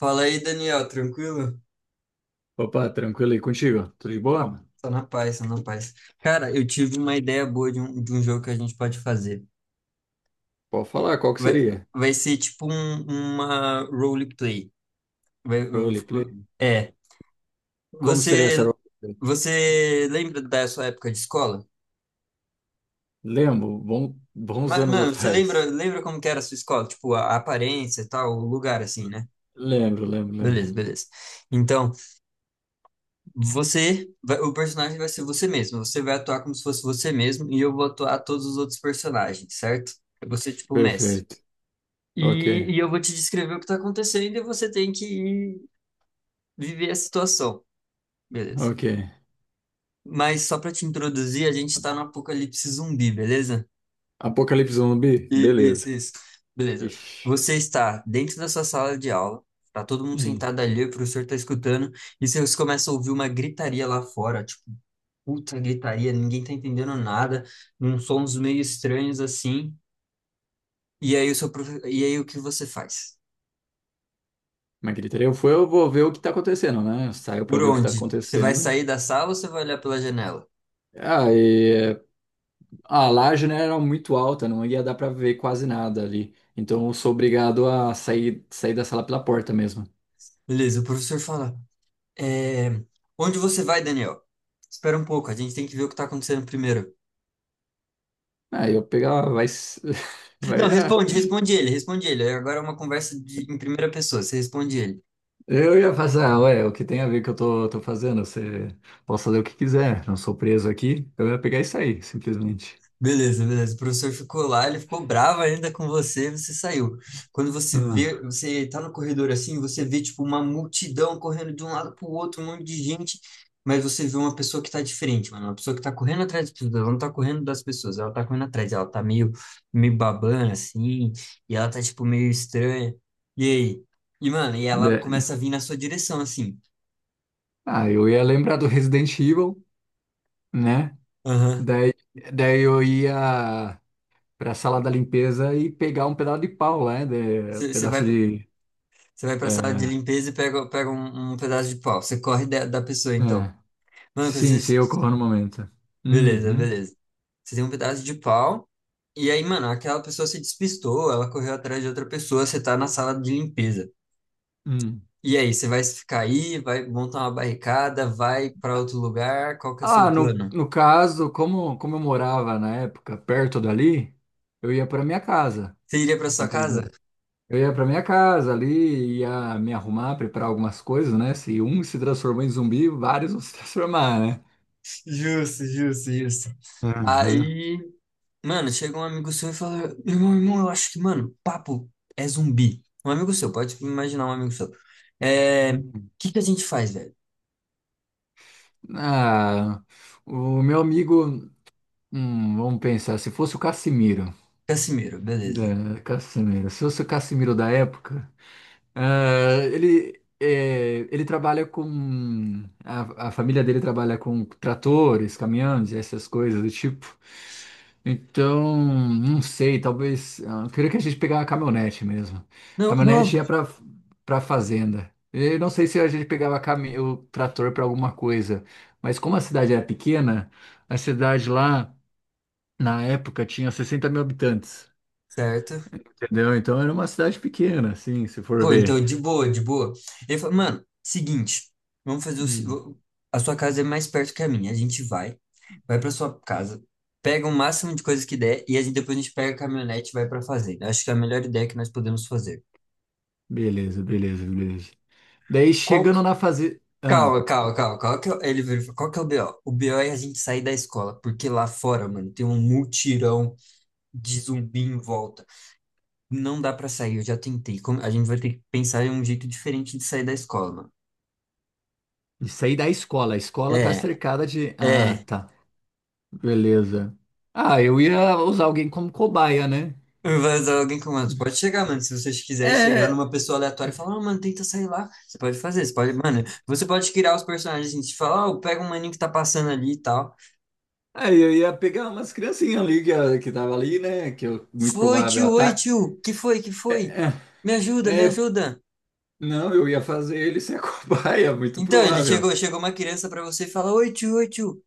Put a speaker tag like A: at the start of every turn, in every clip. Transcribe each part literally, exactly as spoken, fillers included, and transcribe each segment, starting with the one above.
A: Fala aí, Daniel, tranquilo?
B: Opa, tranquilo aí contigo? Tudo de boa, mano?
A: Só na paz, só na paz. Cara, eu tive uma ideia boa de um, de um jogo que a gente pode fazer.
B: Pode falar, qual que
A: Vai,
B: seria?
A: vai ser tipo um, uma roleplay. Vai,
B: Roleplay?
A: é,
B: Como seria essa
A: você,
B: roleplay?
A: você lembra da sua época de escola?
B: Lembro, bom- bons
A: Mas,
B: anos
A: mano, você lembra,
B: atrás.
A: lembra como que era a sua escola? Tipo, a, a aparência e tal, o lugar assim, né?
B: Lembro, lembro, lembro.
A: Beleza, beleza. Então, Você, vai- o personagem vai ser você mesmo. Você vai atuar como se fosse você mesmo e eu vou atuar todos os outros personagens, certo? Eu vou ser tipo o mestre.
B: Perfeito. Ok,
A: E, e eu vou te descrever o que tá acontecendo e você tem que ir viver a situação, beleza?
B: ok.
A: Mas só para te introduzir, a gente tá no apocalipse zumbi, beleza?
B: Apocalipse zumbi?
A: E-
B: Beleza.
A: Isso, isso. Beleza.
B: Ixi.
A: Você está dentro da sua sala de aula, tá todo mundo
B: Hum.
A: sentado ali, o professor tá escutando, e vocês começam a ouvir uma gritaria lá fora, puta gritaria, ninguém tá entendendo nada, uns sons meio estranhos assim. E aí o seu profe- e aí o que você faz?
B: Mas gritaria eu fui, eu vou ver o que tá acontecendo, né? Eu saio pra
A: Por
B: ver o que tá
A: onde? Você vai
B: acontecendo.
A: sair da sala ou você vai olhar pela janela?
B: Ah, e a laje, né, era muito alta, não ia dar pra ver quase nada ali. Então eu sou obrigado a sair, sair da sala pela porta mesmo.
A: Beleza, o professor fala: é... Onde você vai, Daniel? Espera um pouco, a gente tem que ver o que tá acontecendo primeiro.
B: Ah, eu pegava, vai. s-
A: Não,
B: vai ah,
A: responde, responde ele, responde ele. Agora é uma conversa de- em primeira pessoa, você responde ele.
B: eu ia passar, ué, o que tem a ver que eu tô, tô fazendo? Você pode fazer o que quiser, não sou preso aqui. Eu ia pegar e sair, simplesmente.
A: Beleza, beleza. O professor ficou lá, ele ficou bravo ainda com você, você saiu. Quando você vê,
B: Ah,
A: você tá no corredor assim, você vê tipo uma multidão correndo de um lado pro outro, um monte de gente, mas você vê uma pessoa que tá diferente, mano, uma pessoa que tá correndo atrás das pessoas, ela não tá correndo das pessoas, ela tá correndo atrás, ela tá meio meio babana assim, e ela tá tipo meio estranha. E aí? E mano, e ela
B: Da-
A: começa a vir na sua direção assim.
B: ah, eu ia lembrar do Resident Evil, né?
A: Aham.
B: Daí, daí eu ia pra sala da limpeza e pegar um pedaço de pau, né? De,
A: Você vai
B: pedaço de.
A: Você vai pra sala de
B: É,
A: limpeza e pega, pega um, um pedaço de pau. Você corre da, da pessoa, então.
B: é.
A: Mano, quando
B: Sim, sim,
A: vocês...
B: ocorreu no momento.
A: Beleza,
B: Uhum,
A: beleza. Você tem um pedaço de pau, e aí, mano, aquela pessoa se despistou, ela correu atrás de outra pessoa, você tá na sala de limpeza.
B: uhum.
A: E aí, você vai ficar aí, vai montar uma barricada, vai pra outro lugar, qual que é o seu
B: Ah, no,
A: plano?
B: no caso, como, como eu morava na época perto dali, eu ia para minha casa,
A: Você iria pra sua casa?
B: simplesmente. Eu ia para minha casa ali, ia me arrumar, preparar algumas coisas, né? Se um se transformou em zumbi, vários vão se transformar, né?
A: Justo, justo, justo.
B: Aham.
A: Aí, mano, chega um amigo seu e fala, irmão, irmão, eu acho que, mano, papo é zumbi. Um amigo seu, pode imaginar um amigo seu. É... O
B: Hum.
A: que que a gente faz, velho?
B: Ah, o meu amigo, hum, vamos pensar, se fosse o Cassimiro,
A: Cassimiro, beleza.
B: é, Cassimiro, se fosse o Cassimiro da época. Ah, ele, é, ele trabalha com. A, a família dele trabalha com tratores, caminhões, essas coisas do tipo. Então, não sei, talvez. ah, Eu queria que a gente pegasse uma caminhonete mesmo.
A: Não, não,
B: Caminhonete ia para para fazenda. Eu não sei se a gente pegava cami- o trator para alguma coisa, mas como a cidade era pequena, a cidade lá, na época, tinha sessenta mil habitantes.
A: certo.
B: Entendeu? Então era uma cidade pequena, assim, se for
A: Pô,
B: ver.
A: então, de boa, de boa. Ele falou, mano, seguinte, vamos fazer o. se-
B: Hum.
A: vo- A sua casa é mais perto que a minha. A gente vai, vai pra sua casa, pega o máximo de coisas que der e a gente, depois a gente pega a caminhonete e vai pra fazenda. Acho que é a melhor ideia que nós podemos fazer.
B: Beleza, beleza, beleza. Daí
A: Qual. que-
B: chegando na fase. Ah,
A: Calma, calma, calma. Qual que é, o- ele virou e falou, qual que é o B O? O B O é a gente sair da escola, porque lá fora, mano, tem um mutirão de zumbi em volta. Não dá pra sair, eu já tentei. Como- A gente vai ter que pensar em um jeito diferente de sair da escola, mano.
B: isso aí da escola. A escola tá
A: É,
B: cercada de. Ah,
A: é.
B: tá. Beleza. Ah, eu ia usar alguém como cobaia, né?
A: Vai dar alguém com mano. Você Pode chegar, mano. Se você quiser chegar
B: É,
A: numa pessoa aleatória e falar, ah, mano, tenta sair lá. Você pode fazer, você pode. Mano, você pode criar os personagens. Gente, falar ó, pega um maninho que tá passando ali e tal.
B: aí eu ia pegar umas criancinhas ali que, ah, que tava ali, né? Que eu, muito
A: Foi,
B: provável.
A: tio, oi,
B: Tá,
A: tio. Que foi, que foi?
B: é,
A: Me ajuda, me
B: é,
A: ajuda.
B: não, eu ia fazer ele ser a cobaia, muito
A: Então, ele
B: provável.
A: chegou, chegou uma criança pra você e fala, oi, tio, oi, tio.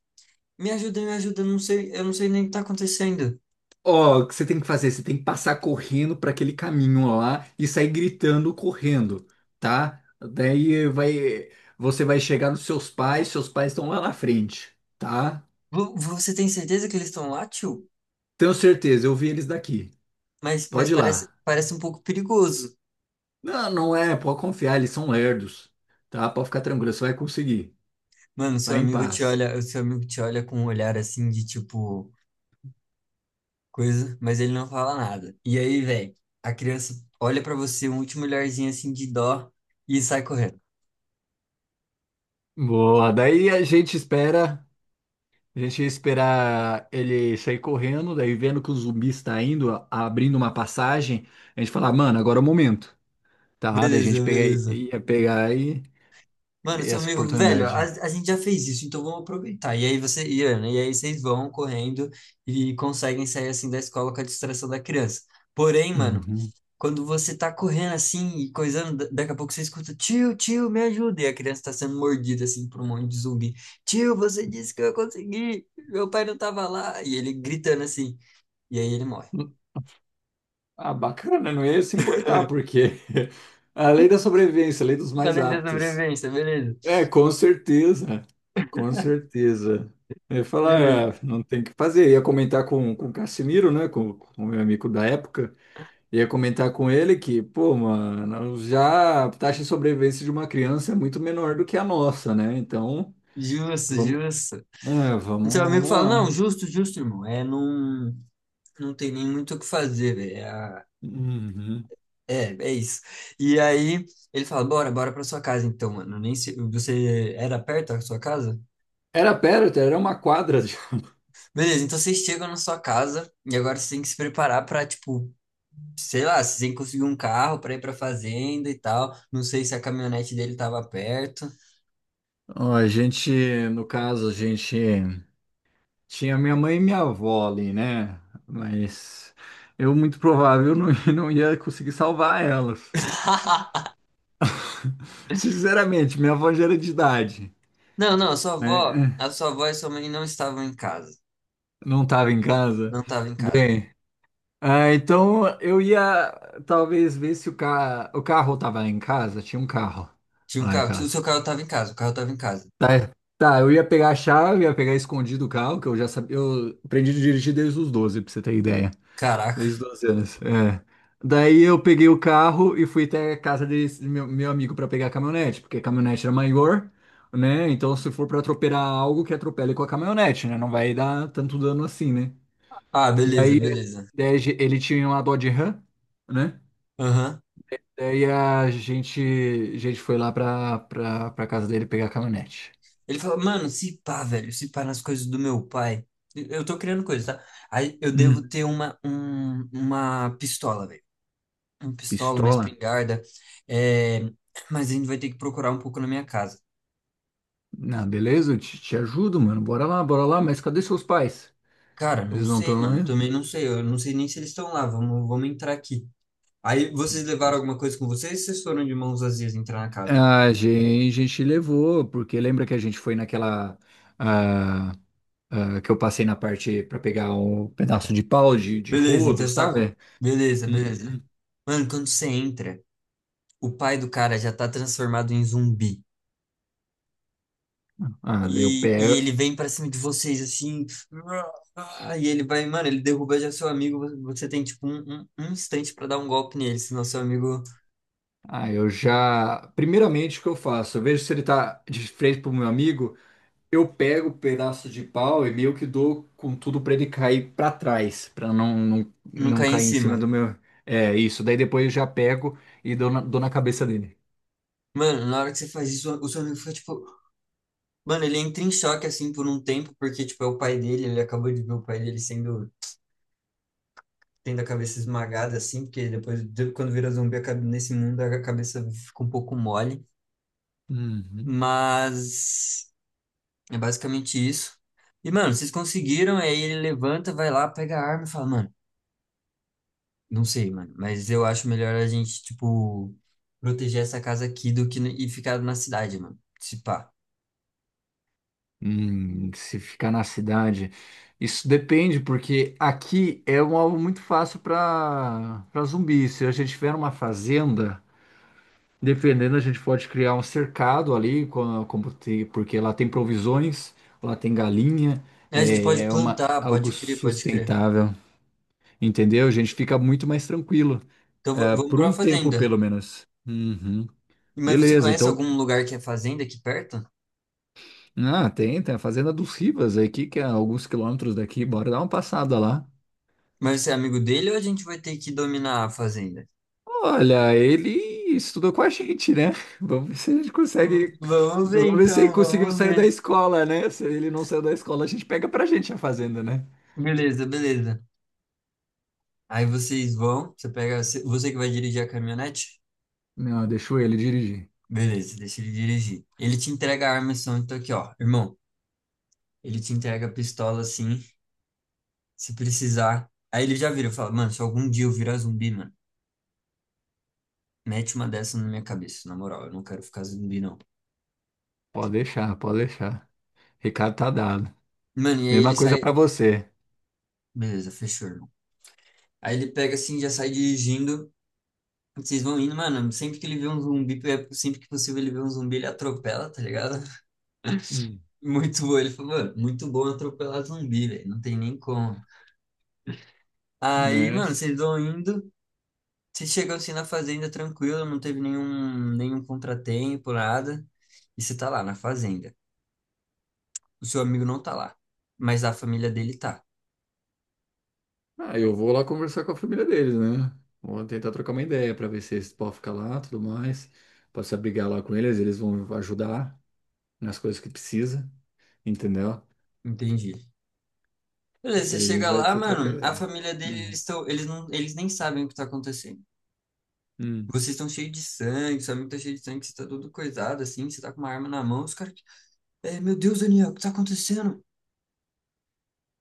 A: Me ajuda, me ajuda. Eu não sei, eu não sei nem o que tá acontecendo.
B: Ó, o que você tem que fazer? Você tem que passar correndo para aquele caminho lá e sair gritando correndo, tá? Daí vai, você vai chegar nos seus pais, seus pais estão lá na frente, tá?
A: Vo- Você tem certeza que eles estão lá, tio?
B: Tenho certeza, eu vi eles daqui.
A: Mas, mas
B: Pode ir
A: parece,
B: lá.
A: parece um pouco perigoso.
B: Não, não é, pode confiar, eles são lerdos, tá? Pode ficar tranquilo, você vai conseguir.
A: Mano, seu
B: Vai em
A: amigo te
B: paz.
A: olha, o seu amigo te olha com um olhar assim de tipo coisa, mas ele não fala nada. E aí, velho, a criança olha pra você um último olharzinho assim de dó e sai correndo.
B: Boa, daí a gente espera, a gente ia esperar ele sair correndo, daí vendo que o zumbi está indo, a- abrindo uma passagem, a gente fala, mano, agora é o momento. Tá, daí a gente
A: Beleza,
B: pega-
A: beleza.
B: ia pegar e,
A: Mano,
B: e
A: seu
B: essa
A: amigo, velho, a,
B: oportunidade.
A: a gente já fez isso, então vamos aproveitar. E aí você, e, Ana, e aí vocês vão correndo e conseguem sair assim da escola com a distração da criança. Porém, mano,
B: Uhum.
A: quando você tá correndo assim e coisando, da- daqui a pouco você escuta, tio, tio, me ajuda. E a criança tá sendo mordida assim por um monte de zumbi. Tio, você disse que eu consegui, meu pai não tava lá. E ele gritando assim. E aí ele morre.
B: Ah, bacana, não ia se importar, porque a lei da sobrevivência, a lei dos mais
A: Além da
B: aptos.
A: sobrevivência, beleza.
B: É, com certeza, com certeza. Eu ia
A: Beleza.
B: falar, ah, não tem o que fazer. Eu ia comentar com, com o Cassimiro, né, com com o meu amigo da época, ia comentar com ele que, pô, mano, já a taxa de sobrevivência de uma criança é muito menor do que a nossa, né? Então,
A: Justo,
B: vamos,
A: justo.
B: é, vamos,
A: O seu amigo
B: vamos
A: fala, não,
B: lá.
A: justo, justo, irmão. É, não, não tem nem muito o que fazer, velho. É, a-
B: Uhum.
A: é é isso. E aí ele fala, bora, bora pra sua casa então, mano. Nem se, você era perto da sua casa?
B: Era perto, era uma quadra. De-
A: Beleza, então vocês chegam na sua casa e agora vocês têm que se preparar pra, tipo, sei lá, vocês têm que conseguir um carro pra ir pra fazenda e tal. Não sei se a caminhonete dele tava perto.
B: Ó, a gente, no caso, a gente tinha minha mãe e minha avó ali, né? Mas eu, muito provável, não, não ia conseguir salvar elas. Sinceramente, minha avó já era de idade.
A: Não, não, a sua avó, a
B: Né?
A: sua avó e sua mãe não estavam em casa.
B: Não estava em casa.
A: Não estavam em casa.
B: Bem, ah, então eu ia talvez ver se o, ca... o carro estava em casa. Tinha um carro
A: Tinha um
B: lá em
A: carro, tinha- o seu
B: casa.
A: carro estava em casa, o carro estava em casa.
B: Tá, tá, eu ia pegar a chave, ia pegar escondido o carro, que eu já sabia. Eu aprendi a dirigir desde os doze pra você ter ideia. Desde os
A: Caraca.
B: doze anos. É. Daí eu peguei o carro e fui até a casa desse meu, meu amigo pra pegar a caminhonete, porque a caminhonete era maior, né? Então se for pra atropelar algo, que atropele com a caminhonete, né? Não vai dar tanto dano assim, né?
A: Ah, beleza,
B: Daí a
A: beleza.
B: ideia de- Ele tinha uma Dodge Ram, né?
A: Aham.
B: Daí a gente, a gente foi lá pra, pra, pra casa dele pegar a caminhonete.
A: Ele falou, mano, se pá, velho, se pá nas coisas do meu pai. Eu eu tô criando coisas, tá? Aí eu devo
B: Hum.
A: ter uma, um- uma pistola, velho. Uma pistola, uma
B: Pistola?
A: espingarda. É... Mas a gente vai ter que procurar um pouco na minha casa.
B: Ah, beleza, eu te, te ajudo, mano. Bora lá, bora lá, mas cadê seus pais?
A: Cara, não
B: Eles não
A: sei,
B: estão aí?
A: mano. Também não sei. Eu não sei nem se eles estão lá. Vamos, vamos entrar aqui. Aí vocês levaram alguma coisa com vocês, ou vocês foram de mãos vazias entrar na casa?
B: a gente, a gente levou, porque lembra que a gente foi naquela. ah, ah, que eu passei na parte pra pegar um pedaço de pau de, de
A: Beleza, então
B: rodo,
A: você tá com.
B: sabe?
A: Beleza, beleza.
B: Uhum.
A: Mano, quando você entra, o pai do cara já tá transformado em zumbi.
B: Ah, daí eu
A: E, e
B: pego.
A: ele vem pra cima de vocês assim. ah, E ele vai, mano, ele derruba já seu amigo. vo- Você tem tipo um, um, um instante pra dar um golpe nele, senão seu amigo
B: Ah, eu já. Primeiramente, o que eu faço? Eu vejo se ele tá de frente pro meu amigo. Eu pego o pedaço de pau e meio que dou com tudo pra ele cair pra trás, pra não, não,
A: não
B: não
A: cai em
B: cair em cima
A: cima.
B: do meu. É isso. Daí depois eu já pego e dou na, dou na cabeça dele.
A: Mano, na hora que você faz isso, o seu amigo fica tipo. Mano, ele entra em choque assim por um tempo, porque tipo é o pai dele, ele acabou de ver o pai dele sendo tendo a cabeça esmagada assim, porque depois, de- quando vira zumbi, a cabe- nesse mundo a cabeça fica um pouco mole.
B: Uhum.
A: Mas é basicamente isso. E, mano, vocês conseguiram, aí ele levanta, vai lá, pega a arma e fala, mano, não sei, mano, mas eu acho melhor a gente, tipo, proteger essa casa aqui do que n- e ficar na cidade, mano. Se pá.
B: Hum, se ficar na cidade. Isso depende, porque aqui é um alvo muito fácil pra para zumbi. Se a gente tiver uma fazenda. Dependendo, a gente pode criar um cercado ali, com como te- porque lá tem provisões, lá tem galinha,
A: É, a gente
B: é,
A: pode
B: é uma,
A: plantar,
B: algo
A: pode crer, pode crer.
B: sustentável, entendeu? A gente fica muito mais tranquilo,
A: Então v-
B: é,
A: vamos
B: por
A: pra
B: um tempo
A: fazenda.
B: pelo menos. Uhum.
A: Mas você
B: Beleza,
A: conhece
B: então,
A: algum lugar que é fazenda aqui perto?
B: ah, tem, tem a Fazenda dos Rivas aqui, que é alguns quilômetros daqui, bora dar uma passada lá.
A: Mas você é amigo dele ou a gente vai ter que dominar a fazenda?
B: Olha, ele estudou com a gente, né? Vamos ver se a gente consegue.
A: Vamos ver
B: Vamos ver se ele
A: então,
B: conseguiu
A: vamos
B: sair da
A: ver.
B: escola, né? Se ele não saiu da escola, a gente pega pra gente a fazenda, né?
A: Beleza, beleza. Aí vocês vão, você pega, você que vai dirigir a caminhonete?
B: Não, deixou ele dirigir.
A: Beleza, deixa ele dirigir. Ele te entrega a arma e som, então aqui, ó, irmão. Ele te entrega a pistola assim, se precisar. Aí ele já vira, fala, mano, se algum dia eu virar zumbi, mano, mete uma dessa na minha cabeça, na moral, eu não quero ficar zumbi, não.
B: Pode deixar, pode deixar. Recado tá dado.
A: Mano, e aí ele
B: Mesma coisa
A: sai,
B: pra você.
A: beleza, fechou, irmão. Aí ele pega assim, já sai dirigindo. Vocês vão indo, mano. Sempre que ele vê um zumbi, é sempre que possível ele vê um zumbi, ele atropela, tá ligado?
B: Hum.
A: Muito bom. Ele falou, mano, muito bom atropelar zumbi, velho. Não tem nem como. Aí,
B: Né?
A: mano, vocês vão indo. Vocês chegam assim na fazenda tranquilo, não teve nenhum, nenhum contratempo, nada. E você tá lá na fazenda. O seu amigo não tá lá, mas a família dele tá.
B: Ah, eu vou lá conversar com a família deles, né? Vou tentar trocar uma ideia pra ver se eles podem ficar lá, tudo mais. Posso abrigar lá com eles, eles vão ajudar nas coisas que precisa, entendeu?
A: Entendi. Beleza, você
B: Daí a gente
A: chega
B: vai
A: lá,
B: ter trocar
A: mano, a
B: ideia.
A: família dele,
B: Uhum.
A: eles estão, eles não, eles nem sabem o que tá acontecendo.
B: Hum.
A: Vocês estão cheios de sangue, seu amigo tá cheio de sangue, você tá todo coisado assim, você tá com uma arma na mão, os caras, é, meu Deus, Daniel, o que tá acontecendo?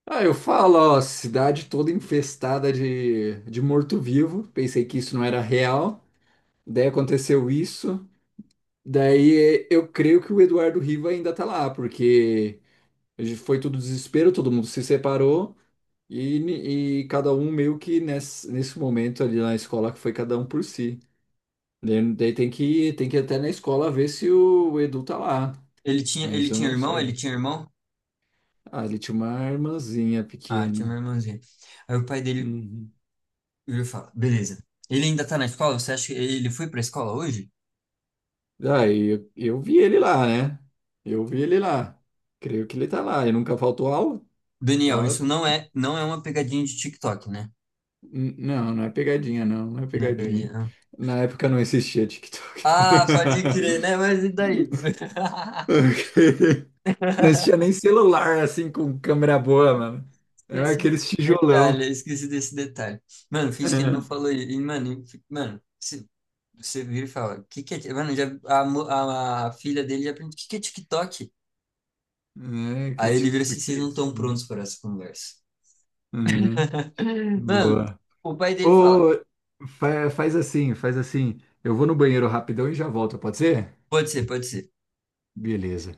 B: Ah, eu falo, ó, cidade toda infestada de, de morto-vivo. Pensei que isso não era real. Daí aconteceu isso. Daí eu creio que o Eduardo Riva ainda tá lá, porque foi tudo desespero, todo mundo se separou e, ni- e cada um meio que nesse, nesse momento ali na escola que foi cada um por si. Daí, daí tem que, tem que ir até na escola ver se o Edu tá lá.
A: Ele tinha,
B: Mas
A: ele
B: eu
A: tinha
B: não
A: irmão? Ele
B: sei.
A: tinha irmão?
B: Ah, ele tinha uma irmãzinha
A: Ah, tinha uma
B: pequena.
A: irmãzinha. Aí o pai dele
B: Uhum.
A: vira e fala, beleza. Ele ainda tá na escola? Você acha que ele foi pra escola hoje?
B: Ah, e eu, eu vi ele lá, né? Eu vi ele lá. Creio que ele tá lá. Ele nunca faltou aula.
A: Daniel,
B: Então,
A: isso
B: eu-
A: não é, não é uma pegadinha de TikTok, né?
B: N- não, não é pegadinha, não. Não é
A: Não é
B: pegadinha.
A: pegadinha, não.
B: Na época não existia TikTok.
A: Ah, pode crer, né? Mas e daí?
B: Ok. Não existia nem celular, assim, com câmera boa, mano. Era
A: Esqueci
B: aqueles
A: desse detalhe,
B: tijolão.
A: esqueci desse detalhe. Mano, finge que ele não
B: É,
A: falou isso. E, mano, e- mano, se- você vira e fala, que que é... ti-" Mano, já, a, mo- a, a filha dele já pergunta, o que que é TikTok?
B: é que,
A: Aí ele vira
B: tic-
A: assim, vocês
B: que
A: não
B: isso.
A: estão prontos para essa conversa.
B: É,
A: Mano,
B: boa.
A: o pai dele fala:
B: Ô, fa- faz assim, faz assim. Eu vou no banheiro rapidão e já volto, pode ser?
A: Pode ser, pode ser.
B: Beleza.